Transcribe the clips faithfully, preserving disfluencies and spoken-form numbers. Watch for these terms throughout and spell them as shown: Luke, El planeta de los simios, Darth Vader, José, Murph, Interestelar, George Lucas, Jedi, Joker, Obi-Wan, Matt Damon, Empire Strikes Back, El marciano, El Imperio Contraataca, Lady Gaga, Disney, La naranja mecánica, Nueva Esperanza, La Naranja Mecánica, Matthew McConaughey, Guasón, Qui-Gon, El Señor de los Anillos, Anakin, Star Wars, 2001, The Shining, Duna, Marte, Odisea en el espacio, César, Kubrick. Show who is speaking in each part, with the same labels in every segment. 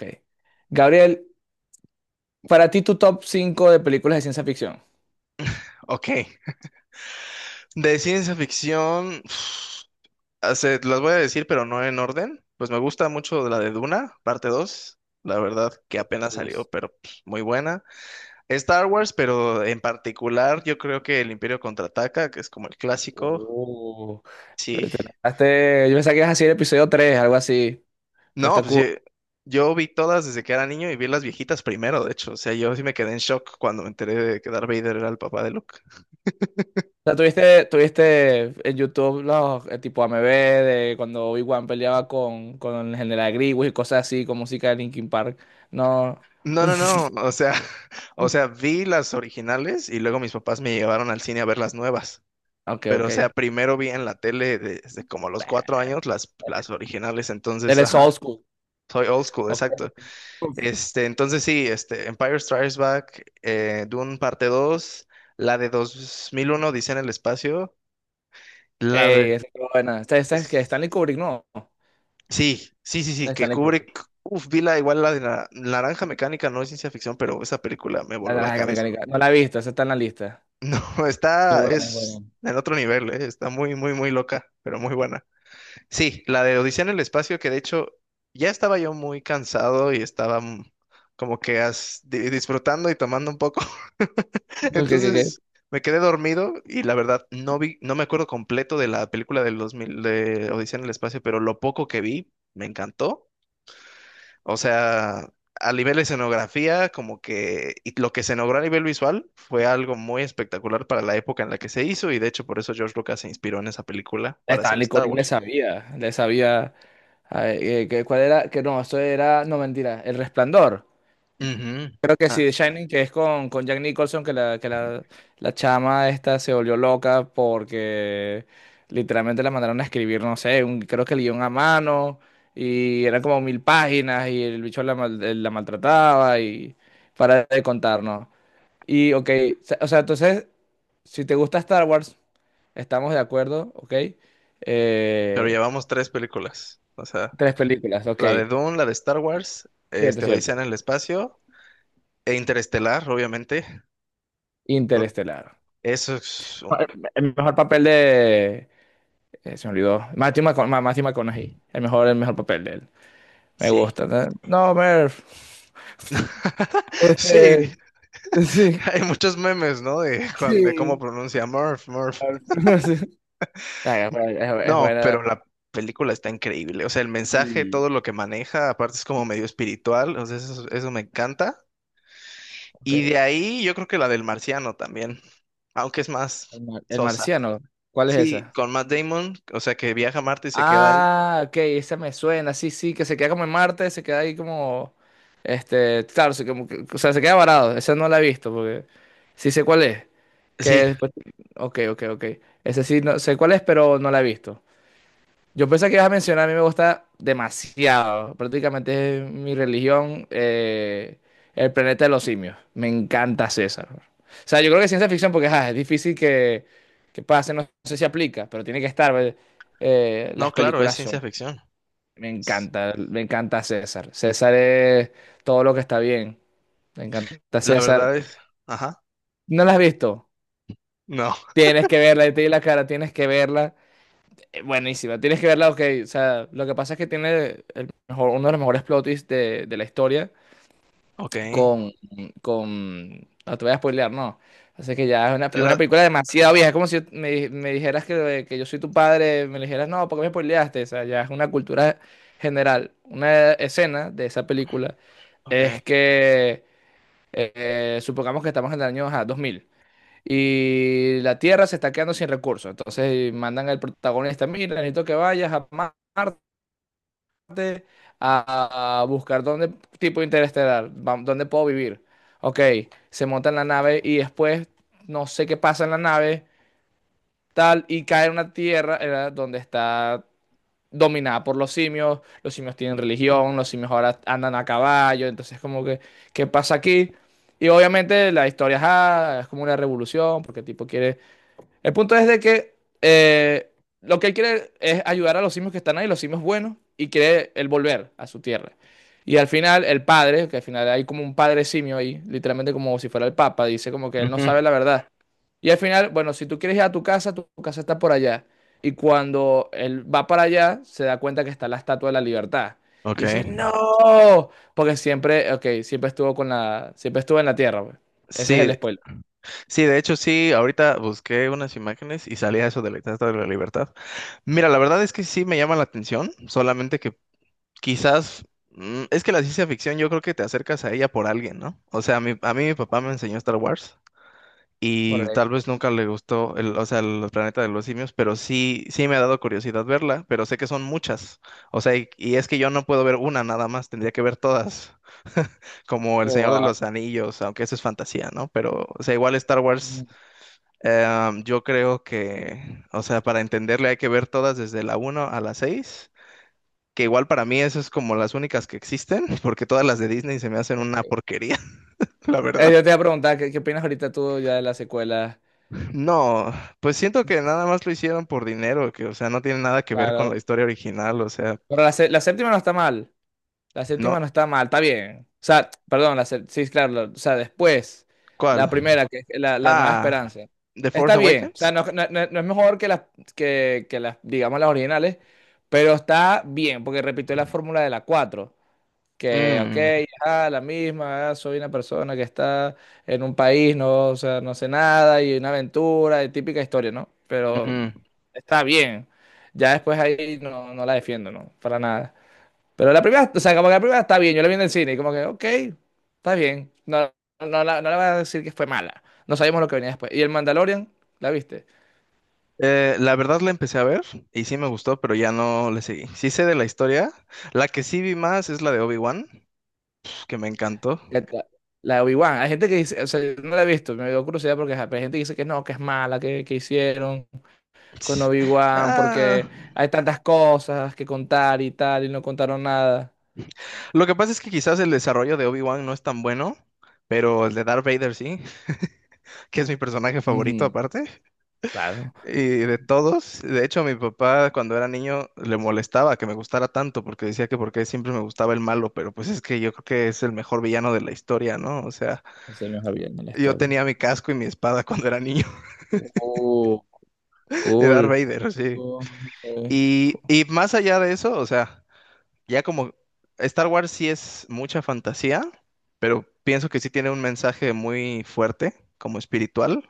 Speaker 1: Ok. Gabriel, para ti tu top cinco de películas de ciencia ficción.
Speaker 2: Ok. De ciencia ficción, uf, ah, se- las voy a decir, pero no en orden. Pues me gusta mucho la de Duna, parte dos, la verdad que apenas salió, pero pues, muy buena. Star Wars, pero en particular, yo creo que El Imperio Contraataca, que es como el clásico.
Speaker 1: Oh, te
Speaker 2: Sí.
Speaker 1: lanzaste. Yo pensaba que ibas a decir el episodio tres, algo así. Pero
Speaker 2: No,
Speaker 1: está
Speaker 2: pues
Speaker 1: cool.
Speaker 2: sí. Yo vi todas desde que era niño y vi las viejitas primero, de hecho. O sea, yo sí me quedé en shock cuando me enteré de que Darth Vader era el papá de Luke.
Speaker 1: O sea, tuviste, tuviste en YouTube los el tipo A M V de cuando Obi-Wan peleaba con, con el general Grievous y cosas así, con música de Linkin Park. No.
Speaker 2: No, no, no, o sea, o sea, vi las originales y luego mis papás me llevaron al cine a ver las nuevas.
Speaker 1: Ok,
Speaker 2: Pero,
Speaker 1: ok.
Speaker 2: o sea, primero vi en la tele desde como los cuatro años las, las originales, entonces,
Speaker 1: Eres
Speaker 2: ajá,
Speaker 1: old school.
Speaker 2: soy old school,
Speaker 1: Ok.
Speaker 2: exacto. Este, entonces sí, este, Empire Strikes Back, eh, Dune parte Dos, la de dos mil uno, Dice en el espacio, la
Speaker 1: Ey,
Speaker 2: ver-
Speaker 1: esa es buena. Esta, esta es que Stanley Kubrick, no.
Speaker 2: sí, sí, sí, sí, que
Speaker 1: Stanley Kubrick.
Speaker 2: Kubrick, uf, vi la, igual la de la Naranja Mecánica, no es ciencia ficción, pero esa película me
Speaker 1: La
Speaker 2: voló la
Speaker 1: naranja
Speaker 2: cabeza.
Speaker 1: mecánica. No la he visto, esa está en la lista.
Speaker 2: No,
Speaker 1: Es
Speaker 2: está,
Speaker 1: buena, es
Speaker 2: es
Speaker 1: buena.
Speaker 2: en otro nivel, eh, está muy, muy, muy loca, pero muy buena. Sí, la de Odisea en el espacio, que de hecho ya estaba yo muy cansado y estaba mm, como que as- di- disfrutando y tomando un poco.
Speaker 1: No, Que, que, que
Speaker 2: Entonces me quedé dormido y la verdad no vi, no me acuerdo completo de la película del dos mil de Odisea en el espacio, pero lo poco que vi me encantó. O sea, a nivel de escenografía, como que y lo que se logró a nivel visual fue algo muy espectacular para la época en la que se hizo y de hecho por eso George Lucas se inspiró en esa película para
Speaker 1: estaba
Speaker 2: hacer Star
Speaker 1: Nicole, le
Speaker 2: Wars.
Speaker 1: sabía, le sabía, eh, eh, que cuál era, que no, esto era, no, mentira, El Resplandor.
Speaker 2: Ujú.
Speaker 1: Creo que sí,
Speaker 2: Ah,
Speaker 1: The Shining, que es con, con Jack Nicholson, que la, que la, la chama esta se volvió loca porque literalmente la mandaron a escribir, no sé, un- creo que el guión a mano, y eran como mil páginas, y el bicho la mal- la maltrataba, y para de contarnos. Y ok, o sea, entonces, si te gusta Star Wars, estamos de acuerdo, ¿ok?
Speaker 2: pero
Speaker 1: Eh,
Speaker 2: llevamos tres películas. O sea,
Speaker 1: tres películas, ok.
Speaker 2: la de Dune, la de Star Wars,
Speaker 1: Cierto,
Speaker 2: este, Odisea
Speaker 1: cierto.
Speaker 2: en el espacio e Interestelar, obviamente. Creo-
Speaker 1: Interestelar.
Speaker 2: Eso es...
Speaker 1: El mejor papel de... eh, se me olvidó. Matthew McCona- Ma- Matthew McConaughey. El mejor, el mejor papel de él. Me
Speaker 2: Sí,
Speaker 1: gusta. ¿No? No, Merv.
Speaker 2: sí.
Speaker 1: Este, sí,
Speaker 2: Hay muchos memes, ¿no? De, cuan- de cómo
Speaker 1: sí.
Speaker 2: pronuncia Murph, Murph.
Speaker 1: Ay, es buena, es
Speaker 2: No,
Speaker 1: buena.
Speaker 2: pero la película está increíble. O sea, el mensaje,
Speaker 1: Y,
Speaker 2: todo lo que maneja, aparte es como medio espiritual. O sea, eso, eso me encanta.
Speaker 1: ok,
Speaker 2: Y de ahí yo creo que la del marciano también, aunque es
Speaker 1: El
Speaker 2: más
Speaker 1: mar- El
Speaker 2: sosa.
Speaker 1: marciano. ¿Cuál es
Speaker 2: Sí,
Speaker 1: esa?
Speaker 2: con Matt Damon, o sea, que viaja a Marte y se queda ahí.
Speaker 1: Ah, ok, esa me suena, sí, sí, que se queda como en Marte, se queda ahí como, este, claro, se, como que- o sea, se queda varado, esa no la he visto, porque sí sé cuál es, que
Speaker 2: Sí,
Speaker 1: después, ok, ok, ok, esa sí, no sé cuál es, pero no la he visto. Yo pensé que ibas a mencionar, a mí me gusta demasiado. Prácticamente es mi religión, eh, el planeta de los simios. Me encanta César. O sea, yo creo que ciencia ficción, porque ajá, es difícil que, que pase, no sé si aplica, pero tiene que estar. ¿Ves? Eh,
Speaker 2: no,
Speaker 1: las
Speaker 2: claro, es
Speaker 1: películas
Speaker 2: ciencia
Speaker 1: son.
Speaker 2: ficción.
Speaker 1: Me
Speaker 2: S-
Speaker 1: encanta, me encanta César. César es todo lo que está bien. Me encanta
Speaker 2: La
Speaker 1: César.
Speaker 2: verdad es, ajá,
Speaker 1: ¿No la has visto?
Speaker 2: no,
Speaker 1: Tienes que verla, y te di la cara, tienes que verla. Eh, Buenísima, tienes que verla, ok. O sea, lo que pasa es que tiene el mejor, uno de los mejores plot twists de, de la historia
Speaker 2: ok.
Speaker 1: con, con... No te voy a spoilear, no. Así que ya es una, es
Speaker 2: La,
Speaker 1: una película demasiado vieja. Es como si me di- me dijeras que, que yo soy tu padre, me dijeras, no, ¿por qué me spoileaste? O sea, ya es una cultura general. Una escena de esa película
Speaker 2: ok.
Speaker 1: es que, eh, eh, supongamos que estamos en el año ajá, dos mil, y la Tierra se está quedando sin recursos. Entonces mandan al protagonista, mira, necesito que vayas a Marte a, a buscar dónde, tipo Interestelar, va- dónde puedo vivir. Ok, se monta en la nave y después no sé qué pasa en la nave, tal, y cae en una Tierra era donde está dominada por los simios. Los simios tienen religión, los simios ahora andan a caballo. Entonces como que, ¿qué pasa aquí? Y obviamente la historia ajá, es como una revolución, porque el tipo quiere, el punto es de que eh, lo que él quiere es ayudar a los simios que están ahí, los simios buenos, y quiere él volver a su tierra. Y al final, el padre, que al final hay como un padre simio ahí, literalmente como si fuera el papa, dice como que él no
Speaker 2: Ujú.
Speaker 1: sabe la verdad. Y al final, bueno, si tú quieres ir a tu casa, tu casa está por allá. Y cuando él va para allá, se da cuenta que está la Estatua de la Libertad. Y dice,
Speaker 2: Ok.
Speaker 1: no, porque siempre, ok, siempre estuvo con la, siempre estuvo en la tierra, pues. Ese es el
Speaker 2: Sí,
Speaker 1: spoiler.
Speaker 2: sí, de hecho sí, ahorita busqué unas imágenes y salía eso de la Estatua de la Libertad. Mira, la verdad es que sí me llama la atención, solamente que quizás mm, es que la ciencia ficción yo creo que te acercas a ella por alguien, ¿no? O sea, mi- a mí mi papá me enseñó Star Wars y tal
Speaker 1: Correcto.
Speaker 2: vez nunca le gustó el, o sea, el planeta de los simios, pero sí, sí me ha dado curiosidad verla, pero sé que son muchas. O sea, y, y es que yo no puedo ver una nada más, tendría que ver todas, como El Señor de
Speaker 1: Wow.
Speaker 2: los Anillos, aunque eso es fantasía, ¿no? Pero, o sea, igual Star Wars. Em, yo creo que, o sea, para entenderle hay que ver todas desde la uno a la seis que igual para mí eso es como las únicas que existen, porque todas las de Disney se me hacen
Speaker 1: Ok.
Speaker 2: una porquería, la
Speaker 1: Eh,
Speaker 2: verdad.
Speaker 1: yo te iba a preguntar, ¿qué, qué opinas ahorita tú ya de la secuela?
Speaker 2: No, pues siento que nada más lo hicieron por dinero, que o sea, no tiene nada que ver con
Speaker 1: Claro.
Speaker 2: la historia original, o sea,
Speaker 1: Pero la sé- la séptima no está mal. La
Speaker 2: no,
Speaker 1: séptima no está mal, está bien. O sea, perdón, la sé- sí, claro. la- O sea, después, la
Speaker 2: ¿cuál?
Speaker 1: primera, que es la, la Nueva
Speaker 2: Ah,
Speaker 1: Esperanza.
Speaker 2: The Force
Speaker 1: Está bien. O sea,
Speaker 2: Awakens.
Speaker 1: no, no- no- no es mejor que las, que, que las, digamos, las originales, pero está bien, porque repitió la fórmula de la cuatro. Que, ok,
Speaker 2: Mm,
Speaker 1: ah, la misma, ah, soy una persona que está en un país, no, o sea, no hace nada, y una aventura, y típica historia, ¿no? Pero
Speaker 2: ujú.
Speaker 1: está bien. Ya después ahí no, no la defiendo, ¿no? Para nada. Pero la primera, o sea, como que la primera está bien, yo la vi en el cine y como que, ok, está bien. No, no, la- no le voy a decir que fue mala. No sabíamos lo que venía después. ¿Y el Mandalorian? ¿La viste?
Speaker 2: Eh, la verdad la empecé a ver y sí me gustó, pero ya no le seguí. Sí sé de la historia. La que sí vi más es la de Obi-Wan, que me encantó.
Speaker 1: La, la- la de Obi-Wan. Hay gente que dice, o sea, yo no la he visto, me dio curiosidad porque ajá, pero hay gente que dice que no, que es mala, que, que hicieron. Con
Speaker 2: Ts-
Speaker 1: Obi-Wan
Speaker 2: Ah,
Speaker 1: porque hay tantas cosas que contar y tal, y no contaron nada.
Speaker 2: Lo que pasa es que quizás el desarrollo de Obi-Wan no es tan bueno, pero el de Darth Vader sí, que es mi personaje favorito
Speaker 1: Ujú,
Speaker 2: aparte,
Speaker 1: claro,
Speaker 2: y de todos. De hecho, mi papá cuando era niño le molestaba que me gustara tanto, porque decía que porque siempre me gustaba el malo, pero pues es que yo creo que es el mejor villano de la historia, ¿no? O sea,
Speaker 1: ese es el mejor bien de la
Speaker 2: yo
Speaker 1: historia.
Speaker 2: tenía mi casco y mi espada cuando era niño
Speaker 1: Uh,
Speaker 2: de Darth
Speaker 1: cool.
Speaker 2: Vader, sí.
Speaker 1: Uh, ok.
Speaker 2: Y, y más allá de eso, o sea... Ya como Star Wars sí es mucha fantasía, pero pienso que sí tiene un mensaje muy fuerte, como espiritual,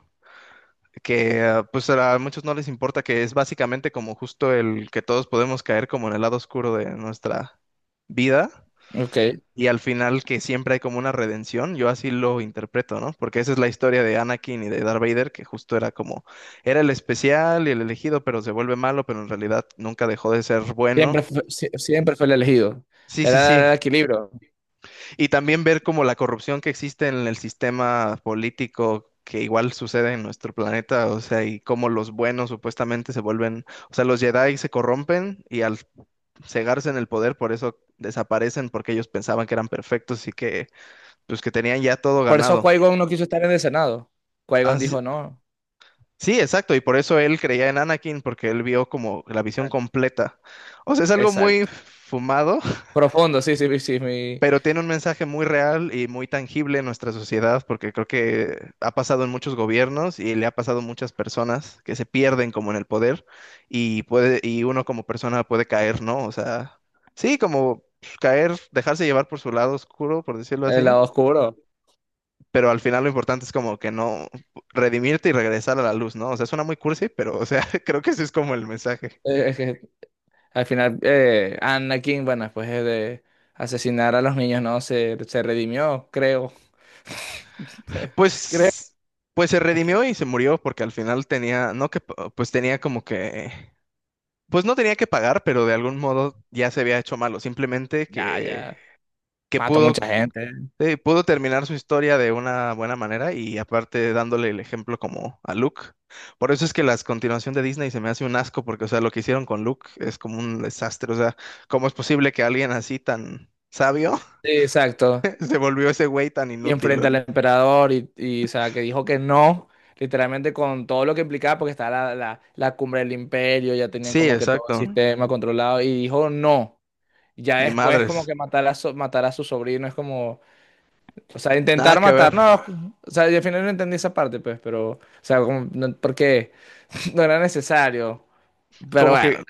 Speaker 2: que eh, pues a muchos no les importa, que es básicamente como justo el que todos podemos caer como en el lado oscuro de nuestra vida
Speaker 1: Ok.
Speaker 2: y al final que siempre hay como una redención, yo así lo interpreto, ¿no? Porque esa es la historia de Anakin y de Darth Vader, que justo era como, era el especial y el elegido, pero se vuelve malo, pero en realidad nunca dejó de ser
Speaker 1: Siempre
Speaker 2: bueno.
Speaker 1: fue, sie- siempre fue el elegido.
Speaker 2: Sí, sí, sí.
Speaker 1: Era el equilibrio.
Speaker 2: Y también ver como la corrupción que existe en el sistema político que igual sucede en nuestro planeta, o sea, y cómo los buenos supuestamente se vuelven, o sea, los Jedi se corrompen y al cegarse en el poder, por eso desaparecen, porque ellos pensaban que eran perfectos y que, pues, que tenían ya todo
Speaker 1: Por eso
Speaker 2: ganado.
Speaker 1: Qui-Gon no quiso estar en el Senado.
Speaker 2: Ah,
Speaker 1: Qui-Gon
Speaker 2: sí,
Speaker 1: dijo no.
Speaker 2: sí, exacto, y por eso él creía en Anakin, porque él vio como la visión completa. O sea, es algo muy
Speaker 1: Exacto.
Speaker 2: fumado,
Speaker 1: Profundo, sí, sí, sí, sí, mi,
Speaker 2: pero tiene un mensaje muy real y muy tangible en nuestra sociedad, porque creo que ha pasado en muchos gobiernos y le ha pasado a muchas personas que se pierden como en el poder y puede, y uno como persona puede caer, ¿no? O sea, sí, como pues, caer, dejarse llevar por su lado oscuro, por decirlo
Speaker 1: el
Speaker 2: así,
Speaker 1: lado oscuro.
Speaker 2: pero al final lo importante es como que no redimirte y regresar a la luz, ¿no? O sea, suena muy cursi, pero o sea, creo que ese es como el mensaje.
Speaker 1: Eh, Es que al final, eh, Anakin, bueno, después de de asesinar a los niños, ¿no? Se, se redimió, creo. Se- creo.
Speaker 2: Pues Pues se
Speaker 1: Es que
Speaker 2: redimió y se murió porque al final tenía, no que, pues tenía como que pues no tenía que pagar, pero de algún modo ya se había hecho malo. Simplemente
Speaker 1: ya,
Speaker 2: que,
Speaker 1: ya.
Speaker 2: que
Speaker 1: Mató
Speaker 2: pudo,
Speaker 1: mucha gente.
Speaker 2: eh, pudo terminar su historia de una buena manera y aparte dándole el ejemplo como a Luke. Por eso es que las continuación de Disney se me hace un asco, porque, o sea, lo que hicieron con Luke es como un desastre. O sea, ¿cómo es posible que alguien así tan sabio
Speaker 1: Sí, exacto.
Speaker 2: se volvió ese güey tan
Speaker 1: Y
Speaker 2: inútil? O
Speaker 1: enfrente al
Speaker 2: sea,
Speaker 1: emperador y, y, o sea, que dijo que no, literalmente con todo lo que implicaba, porque estaba la, la, la cumbre del imperio, ya tenían
Speaker 2: sí,
Speaker 1: como que todo el
Speaker 2: exacto.
Speaker 1: sistema controlado, y dijo no. Ya
Speaker 2: Ni
Speaker 1: después como
Speaker 2: madres.
Speaker 1: que matar a, so- matar a su sobrino es como... O sea,
Speaker 2: Nada
Speaker 1: intentar
Speaker 2: que ver.
Speaker 1: matar, no. O sea, yo al final no entendí esa parte, pues, pero, o sea, como, no- porque no era necesario. Pero
Speaker 2: Como
Speaker 1: bueno,
Speaker 2: que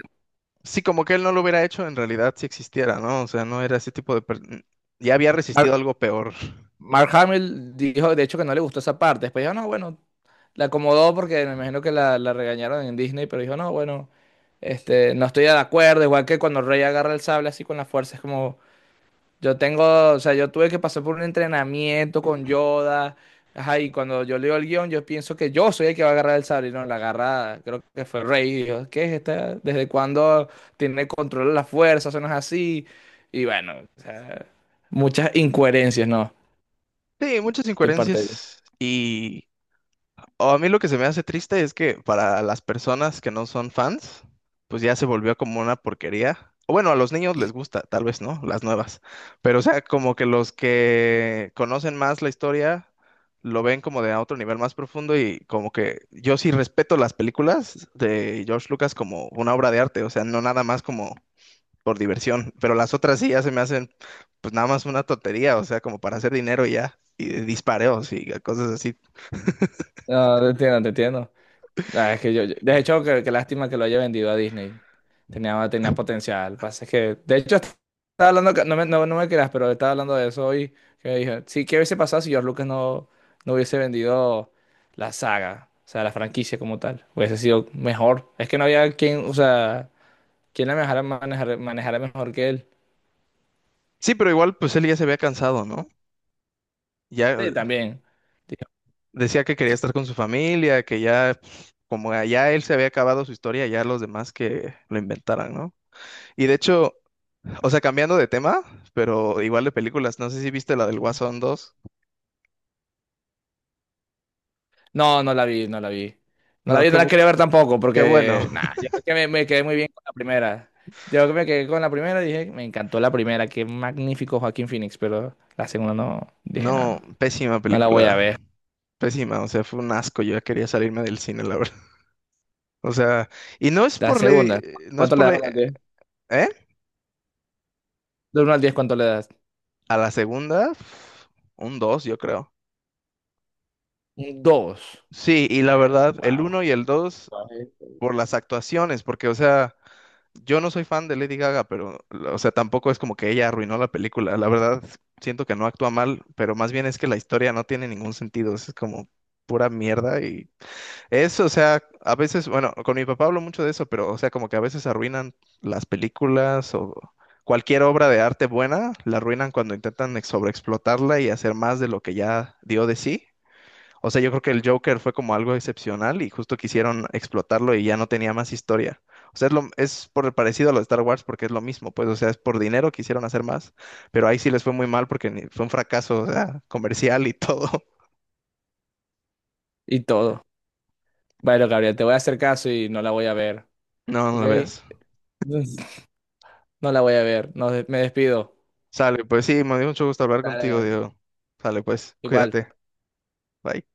Speaker 2: sí, como que él no lo hubiera hecho en realidad si existiera, ¿no? O sea, no era ese tipo de... per- ya había resistido
Speaker 1: Mark,
Speaker 2: algo peor.
Speaker 1: Mark Hamill dijo, de hecho, que no le gustó esa parte. Después dijo, no, bueno, la acomodó porque me imagino que la, la regañaron en Disney, pero dijo, no, bueno, este, no estoy de acuerdo. Igual que cuando Rey agarra el sable así con la fuerza, es como, yo tengo, o sea, yo tuve que pasar por un entrenamiento con Yoda. Ajá, y cuando yo leo el guión, yo pienso que yo soy el que va a agarrar el sable, y no, la agarra, creo que fue Rey. Y yo, ¿qué es esta? ¿Desde cuándo tiene control de la fuerza? Eso no es así. Y bueno, o sea, muchas incoherencias, ¿no?
Speaker 2: Sí, muchas
Speaker 1: De parte de.
Speaker 2: incoherencias. Y o a mí lo que se me hace triste es que para las personas que no son fans, pues ya se volvió como una porquería. O bueno, a los niños les gusta, tal vez, ¿no? Las nuevas. Pero o sea, como que los que conocen más la historia lo ven como de a otro nivel más profundo y como que yo sí respeto las películas de George Lucas como una obra de arte, o sea, no nada más como por diversión, pero las otras sí ya se me hacen pues nada más una tontería, o sea, como para hacer dinero y ya, y de dispareos y cosas así.
Speaker 1: No, te entiendo, te entiendo. Ah, es que yo, yo- de hecho, qué, qué lástima que lo haya vendido a Disney. Tenía, tenía potencial. Pasa es que, de hecho, estaba hablando, que- no me, no, no me creas, pero estaba hablando de eso hoy. Que dije, sí, ¿qué hubiese pasado si George Lucas no, no hubiese vendido la saga? O sea, la franquicia como tal. Hubiese sido mejor. Es que no había quien, o sea, quien la manejara, manejara, manejara mejor que él.
Speaker 2: Sí, pero igual pues él ya se había cansado, ¿no? Ya
Speaker 1: Sí,
Speaker 2: eh,
Speaker 1: también.
Speaker 2: decía que quería estar con su familia, que ya pues, como ya él se había acabado su historia, ya los demás que lo inventaran, ¿no? Y de hecho, o sea, cambiando de tema, pero igual de películas, no sé si viste la del Guasón dos.
Speaker 1: No, no la vi, no la vi. No la
Speaker 2: No,
Speaker 1: vi,
Speaker 2: qué,
Speaker 1: no la
Speaker 2: bu-
Speaker 1: quería ver tampoco,
Speaker 2: qué bueno.
Speaker 1: porque, nada, yo creo que me, me quedé muy bien con la primera. Yo que me quedé con la primera y dije, me encantó la primera, qué magnífico Joaquín Phoenix, pero la segunda no, dije, no,
Speaker 2: No,
Speaker 1: no,
Speaker 2: pésima
Speaker 1: no la voy a
Speaker 2: película.
Speaker 1: ver.
Speaker 2: Pésima, o sea, fue un asco. Yo ya quería salirme del cine, la verdad. O sea, y no es
Speaker 1: La
Speaker 2: por ley,
Speaker 1: segunda,
Speaker 2: no es
Speaker 1: ¿cuánto
Speaker 2: por
Speaker 1: le das?
Speaker 2: ley,
Speaker 1: Uno al diez.
Speaker 2: ¿eh?
Speaker 1: De uno al diez, ¿cuánto le das?
Speaker 2: A la segunda, pf, un dos, yo creo.
Speaker 1: Un dos.
Speaker 2: Sí, y la
Speaker 1: Eh,
Speaker 2: verdad, el
Speaker 1: wow.
Speaker 2: uno y el dos por las actuaciones, porque, o sea, yo no soy fan de Lady Gaga, pero, o sea, tampoco es como que ella arruinó la película. La verdad, siento que no actúa mal, pero más bien es que la historia no tiene ningún sentido. Es como pura mierda y eso, o sea, a veces, bueno, con mi papá hablo mucho de eso, pero, o sea, como que a veces arruinan las películas o cualquier obra de arte buena, la arruinan cuando intentan ex- sobreexplotarla y hacer más de lo que ya dio de sí. O sea, yo creo que el Joker fue como algo excepcional y justo quisieron explotarlo y ya no tenía más historia. O sea, es, lo, es por el parecido a lo de Star Wars porque es lo mismo, pues, o sea, es por dinero quisieron hacer más, pero ahí sí les fue muy mal porque ni- fue un fracaso, o sea, comercial y todo.
Speaker 1: Y todo. Bueno, Gabriel, te voy a hacer caso y no la voy a ver,
Speaker 2: No, no
Speaker 1: ¿ok?
Speaker 2: lo veas.
Speaker 1: No la voy a ver, no, me despido.
Speaker 2: Sale, pues sí, me dio mucho gusto hablar
Speaker 1: Dale,
Speaker 2: contigo,
Speaker 1: Gabriel.
Speaker 2: Diego. Sale, pues,
Speaker 1: Igual.
Speaker 2: cuídate. Bye.